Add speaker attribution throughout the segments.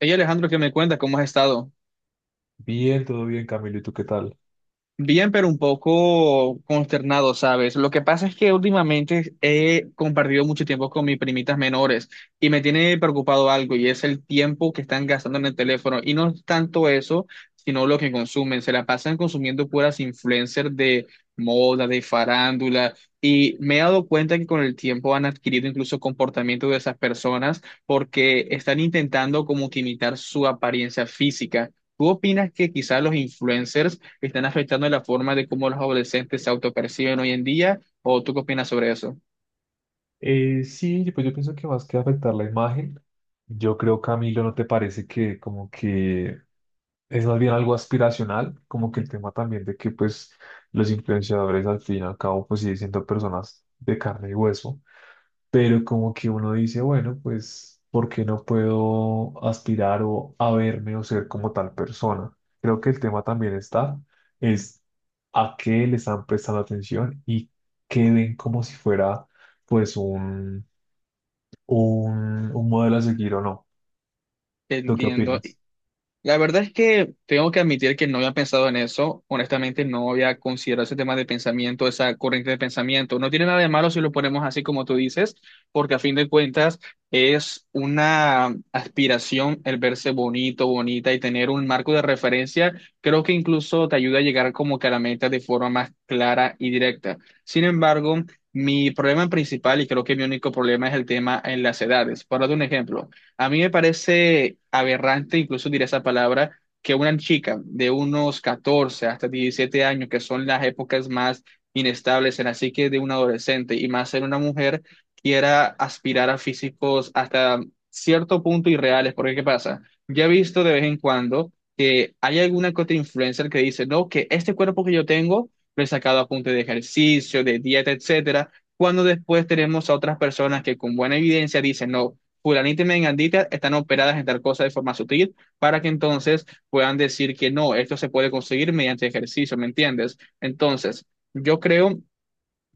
Speaker 1: Hey Alejandro, ¿qué me cuenta? ¿Cómo has estado?
Speaker 2: Bien, todo bien, Camilo. ¿Y tú qué tal?
Speaker 1: Bien, pero un poco consternado, ¿sabes? Lo que pasa es que últimamente he compartido mucho tiempo con mis primitas menores y me tiene preocupado algo, y es el tiempo que están gastando en el teléfono. Y no es tanto eso, sino lo que consumen. Se la pasan consumiendo puras influencers de moda, de farándula. Y me he dado cuenta que con el tiempo han adquirido incluso comportamiento de esas personas, porque están intentando como que imitar su apariencia física. ¿Tú opinas que quizás los influencers que están afectando la forma de cómo los adolescentes se autoperciben hoy en día? ¿O tú qué opinas sobre eso?
Speaker 2: Sí, pues yo pienso que más que afectar la imagen, yo creo, Camilo, ¿no te parece que como que es más bien algo aspiracional? Como que el tema también de que pues los influenciadores al fin y al cabo pues siguen siendo personas de carne y hueso, pero como que uno dice, bueno, pues, ¿por qué no puedo aspirar o a verme o ser como tal persona? Creo que el tema también está, es a qué le están prestando atención y qué ven como si fuera, pues, un modelo a seguir o no. ¿Tú qué
Speaker 1: Entiendo.
Speaker 2: opinas?
Speaker 1: La verdad es que tengo que admitir que no había pensado en eso. Honestamente, no había considerado ese tema de pensamiento, esa corriente de pensamiento. No tiene nada de malo si lo ponemos así como tú dices, porque a fin de cuentas es una aspiración el verse bonito, bonita, y tener un marco de referencia. Creo que incluso te ayuda a llegar como que a la meta de forma más clara y directa. Sin embargo, mi problema principal, y creo que mi único problema, es el tema en las edades. Para dar un ejemplo. A mí me parece aberrante, incluso diré esa palabra, que una chica de unos 14 hasta 17 años, que son las épocas más inestables en la psique de un adolescente, y más en una mujer, quiera aspirar a físicos hasta cierto punto irreales. Porque, ¿qué pasa? Ya he visto de vez en cuando que hay alguna que otra influencer que dice, no, que este cuerpo que yo tengo lo he sacado a punto de ejercicio, de dieta, etcétera. Cuando después tenemos a otras personas que con buena evidencia dicen, no, fulanita y mengandita están operadas en tal cosa de forma sutil para que entonces puedan decir que no, esto se puede conseguir mediante ejercicio, ¿me entiendes? Entonces, yo creo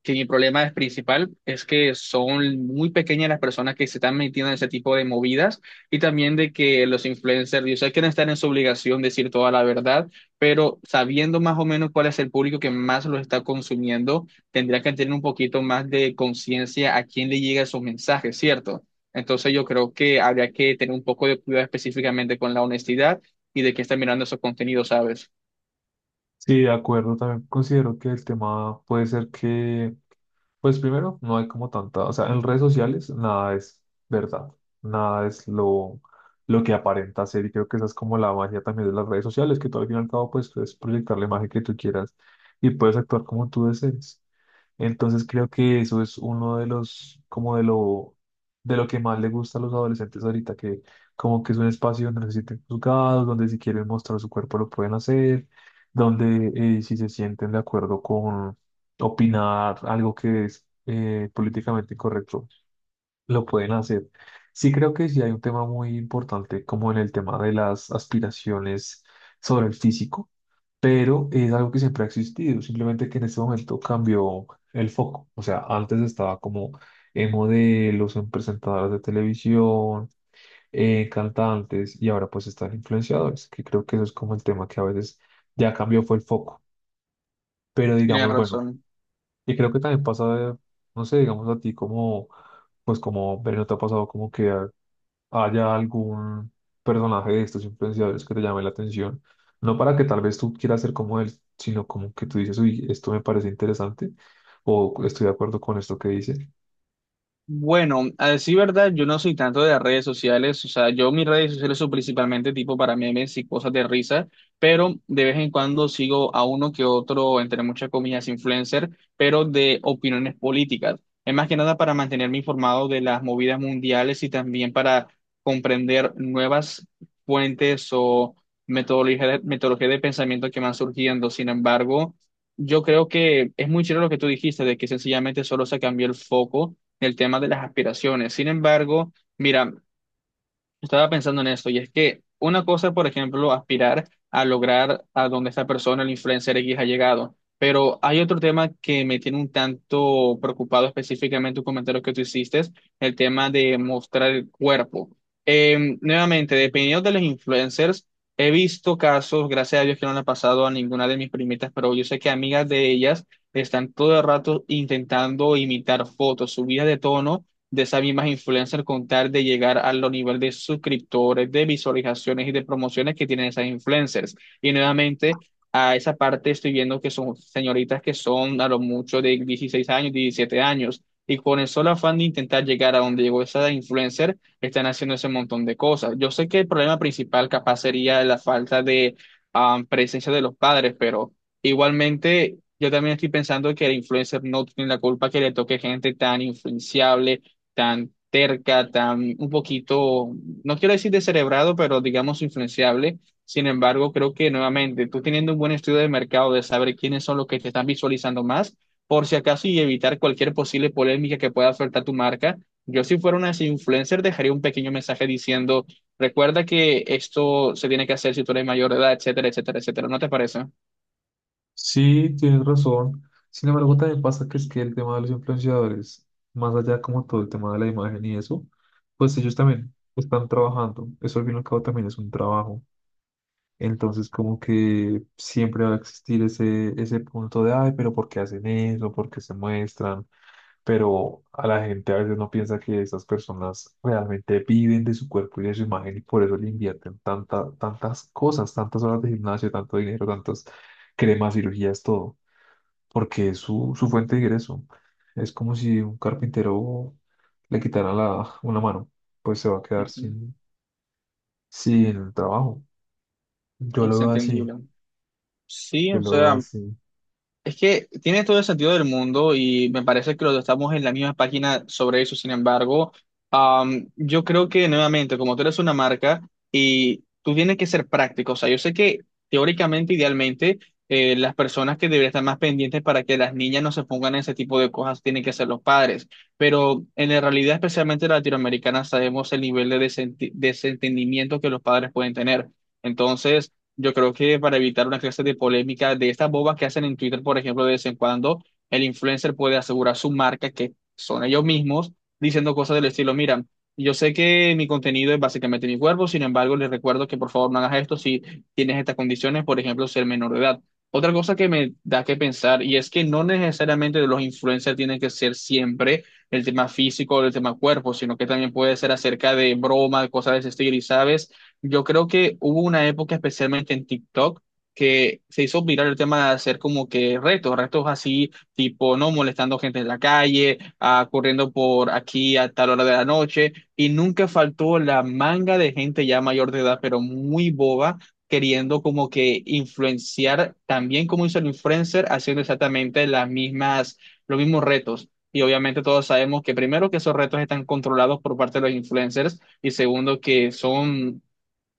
Speaker 1: que mi problema es principal es que son muy pequeñas las personas que se están metiendo en ese tipo de movidas, y también de que los influencers, yo sé que no están en su obligación de decir toda la verdad, pero sabiendo más o menos cuál es el público que más lo está consumiendo, tendría que tener un poquito más de conciencia a quién le llega esos mensajes, ¿cierto? Entonces yo creo que habría que tener un poco de cuidado específicamente con la honestidad y de qué está mirando esos contenidos, ¿sabes?
Speaker 2: Sí, de acuerdo, también considero que el tema puede ser que pues primero, no hay como tanta, o sea, en redes sociales nada es verdad, nada es lo que aparenta ser, y creo que esa es como la magia también de las redes sociales, que tú al fin y al cabo pues puedes proyectar la imagen que tú quieras y puedes actuar como tú desees. Entonces creo que eso es uno de los, como de lo que más le gusta a los adolescentes ahorita, que como que es un espacio donde no se sienten juzgados, donde si quieren mostrar su cuerpo lo pueden hacer, donde si se sienten de acuerdo con opinar algo que es políticamente incorrecto, lo pueden hacer. Sí, creo que sí hay un tema muy importante como en el tema de las aspiraciones sobre el físico, pero es algo que siempre ha existido, simplemente que en este momento cambió el foco. O sea, antes estaba como en modelos, en presentadoras de televisión, en cantantes, y ahora pues están influenciadores, que creo que eso es como el tema que a veces ya cambió fue el foco. Pero
Speaker 1: Tienes
Speaker 2: digamos, bueno,
Speaker 1: razón.
Speaker 2: y creo que también pasa, no sé, digamos a ti como, pues como, pero ¿no te ha pasado como que haya algún personaje de estos influenciadores que te llame la atención? No para que tal vez tú quieras ser como él, sino como que tú dices, uy, esto me parece interesante o estoy de acuerdo con esto que dice.
Speaker 1: Bueno, a decir verdad, yo no soy tanto de redes sociales, o sea, yo mis redes sociales son principalmente tipo para memes y cosas de risa, pero de vez en cuando sigo a uno que otro, entre muchas comillas, influencer, pero de opiniones políticas. Es más que nada para mantenerme informado de las movidas mundiales, y también para comprender nuevas fuentes o metodología de pensamiento que van surgiendo. Sin embargo, yo creo que es muy chévere lo que tú dijiste, de que sencillamente solo se cambió el foco, el tema de las aspiraciones. Sin embargo, mira, estaba pensando en esto, y es que una cosa, por ejemplo, aspirar a lograr a donde esta persona, el influencer X, ha llegado. Pero hay otro tema que me tiene un tanto preocupado, específicamente un comentario que tú hiciste, el tema de mostrar el cuerpo. Nuevamente, dependiendo de los influencers, he visto casos, gracias a Dios que no le ha pasado a ninguna de mis primitas, pero yo sé que amigas de ellas están todo el rato intentando imitar fotos, subidas de tono de esas mismas influencers, con tal de llegar a los niveles de suscriptores, de visualizaciones y de promociones que tienen esas influencers. Y nuevamente, a esa parte estoy viendo que son señoritas que son a lo mucho de 16 años, 17 años. Y con el solo afán de intentar llegar a donde llegó esa influencer, están haciendo ese montón de cosas. Yo sé que el problema principal capaz sería la falta de presencia de los padres, pero igualmente yo también estoy pensando que el influencer no tiene la culpa que le toque gente tan influenciable, tan terca, tan un poquito, no quiero decir descerebrado, pero digamos influenciable. Sin embargo, creo que nuevamente tú teniendo un buen estudio de mercado, de saber quiénes son los que te están visualizando más, por si acaso y evitar cualquier posible polémica que pueda afectar tu marca. Yo si fuera una influencer dejaría un pequeño mensaje diciendo, recuerda que esto se tiene que hacer si tú eres mayor de edad, etcétera, etcétera, etcétera. ¿No te parece?
Speaker 2: Sí, tienes razón. Sin embargo, también pasa que es que el tema de los influenciadores, más allá como todo el tema de la imagen y eso, pues ellos también están trabajando. Eso al fin y al cabo también es un trabajo. Entonces, como que siempre va a existir ese punto de, ay, pero ¿por qué hacen eso? ¿Por qué se muestran? Pero a la gente a veces no piensa que esas personas realmente viven de su cuerpo y de su imagen, y por eso le invierten tanta, tantas cosas, tantas horas de gimnasio, tanto dinero, tantas cremas, cirugías, todo, porque es su fuente de ingreso. Es como si un carpintero le quitaran la, una mano, pues se va a quedar
Speaker 1: Ujú.
Speaker 2: sin, sin trabajo. Yo lo
Speaker 1: Es
Speaker 2: veo así,
Speaker 1: entendible. Sí,
Speaker 2: yo
Speaker 1: o
Speaker 2: lo veo
Speaker 1: sea,
Speaker 2: así.
Speaker 1: es que tiene todo el sentido del mundo y me parece que los dos estamos en la misma página sobre eso. Sin embargo, yo creo que nuevamente, como tú eres una marca y tú tienes que ser práctico, o sea, yo sé que teóricamente, idealmente, las personas que deberían estar más pendientes para que las niñas no se pongan en ese tipo de cosas tienen que ser los padres, pero en la realidad, especialmente latinoamericana, sabemos el nivel de desentendimiento que los padres pueden tener. Entonces, yo creo que para evitar una clase de polémica de estas bobas que hacen en Twitter, por ejemplo, de vez en cuando, el influencer puede asegurar su marca, que son ellos mismos, diciendo cosas del estilo, mira, yo sé que mi contenido es básicamente mi cuerpo, sin embargo, les recuerdo que por favor no hagas esto si tienes estas condiciones, por ejemplo, ser menor de edad. Otra cosa que me da que pensar, y es que no necesariamente los influencers tienen que ser siempre el tema físico o el tema cuerpo, sino que también puede ser acerca de broma, cosas de ese estilo, y sabes. Yo creo que hubo una época, especialmente en TikTok, que se hizo viral el tema de hacer como que retos, retos así, tipo, no, molestando gente en la calle, corriendo por aquí a tal hora de la noche, y nunca faltó la manga de gente ya mayor de edad, pero muy boba, queriendo como que influenciar, también como hizo el influencer, haciendo exactamente las mismas, los mismos retos. Y obviamente todos sabemos que primero que esos retos están controlados por parte de los influencers, y segundo que son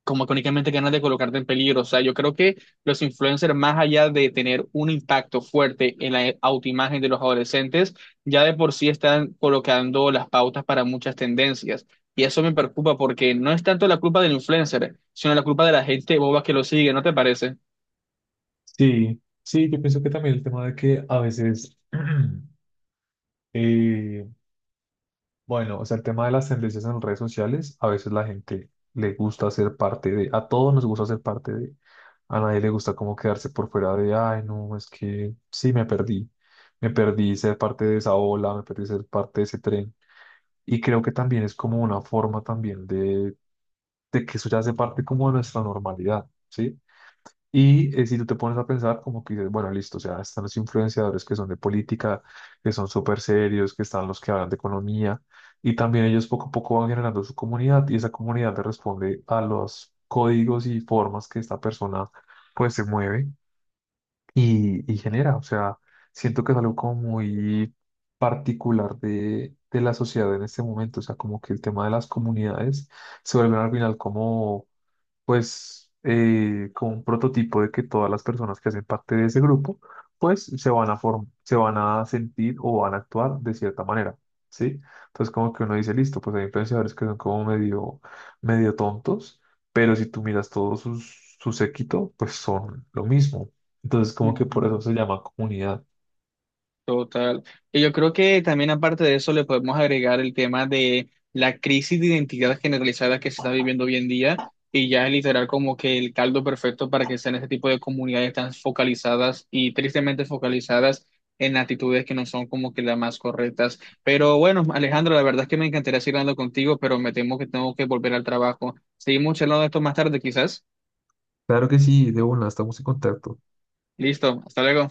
Speaker 1: como que únicamente ganas de colocarte en peligro. O sea, yo creo que los influencers, más allá de tener un impacto fuerte en la autoimagen de los adolescentes, ya de por sí están colocando las pautas para muchas tendencias. Y eso me preocupa porque no es tanto la culpa del influencer, sino la culpa de la gente boba que lo sigue, ¿no te parece?
Speaker 2: Sí, sí, yo pienso que también el tema de que a veces... eh, bueno, o sea, el tema de las tendencias en redes sociales, a veces la gente le gusta ser parte de, a todos nos gusta ser parte de, a nadie le gusta como quedarse por fuera de, ay, no, es que sí, me perdí ser parte de esa ola, me perdí ser parte de ese tren. Y creo que también es como una forma también de que eso ya hace parte como de nuestra normalidad, ¿sí? Y si tú te pones a pensar, como que dices, bueno, listo, o sea, están los influenciadores que son de política, que son súper serios, que están los que hablan de economía, y también ellos poco a poco van generando su comunidad, y esa comunidad le responde a los códigos y formas que esta persona pues se mueve y genera. O sea, siento que es algo como muy particular de la sociedad en este momento, o sea, como que el tema de las comunidades se vuelve al final como pues como un prototipo de que todas las personas que hacen parte de ese grupo, pues se van a form- se van a sentir o van a actuar de cierta manera, ¿sí? Entonces como que uno dice, listo, pues hay influenciadores que son como medio, medio tontos, pero si tú miras todo sus, su séquito, pues son lo mismo. Entonces como que por eso
Speaker 1: Ujú.
Speaker 2: se llama comunidad.
Speaker 1: Total. Y yo creo que también aparte de eso le podemos agregar el tema de la crisis de identidad generalizada que se está viviendo hoy en día, y ya es literal como que el caldo perfecto para que sean este tipo de comunidades tan focalizadas, y tristemente focalizadas en actitudes que no son como que las más correctas. Pero bueno, Alejandro, la verdad es que me encantaría seguir hablando contigo, pero me temo que tengo que volver al trabajo. Seguimos charlando de esto más tarde, quizás.
Speaker 2: Claro que sí, de una, estamos en contacto.
Speaker 1: Listo, hasta luego.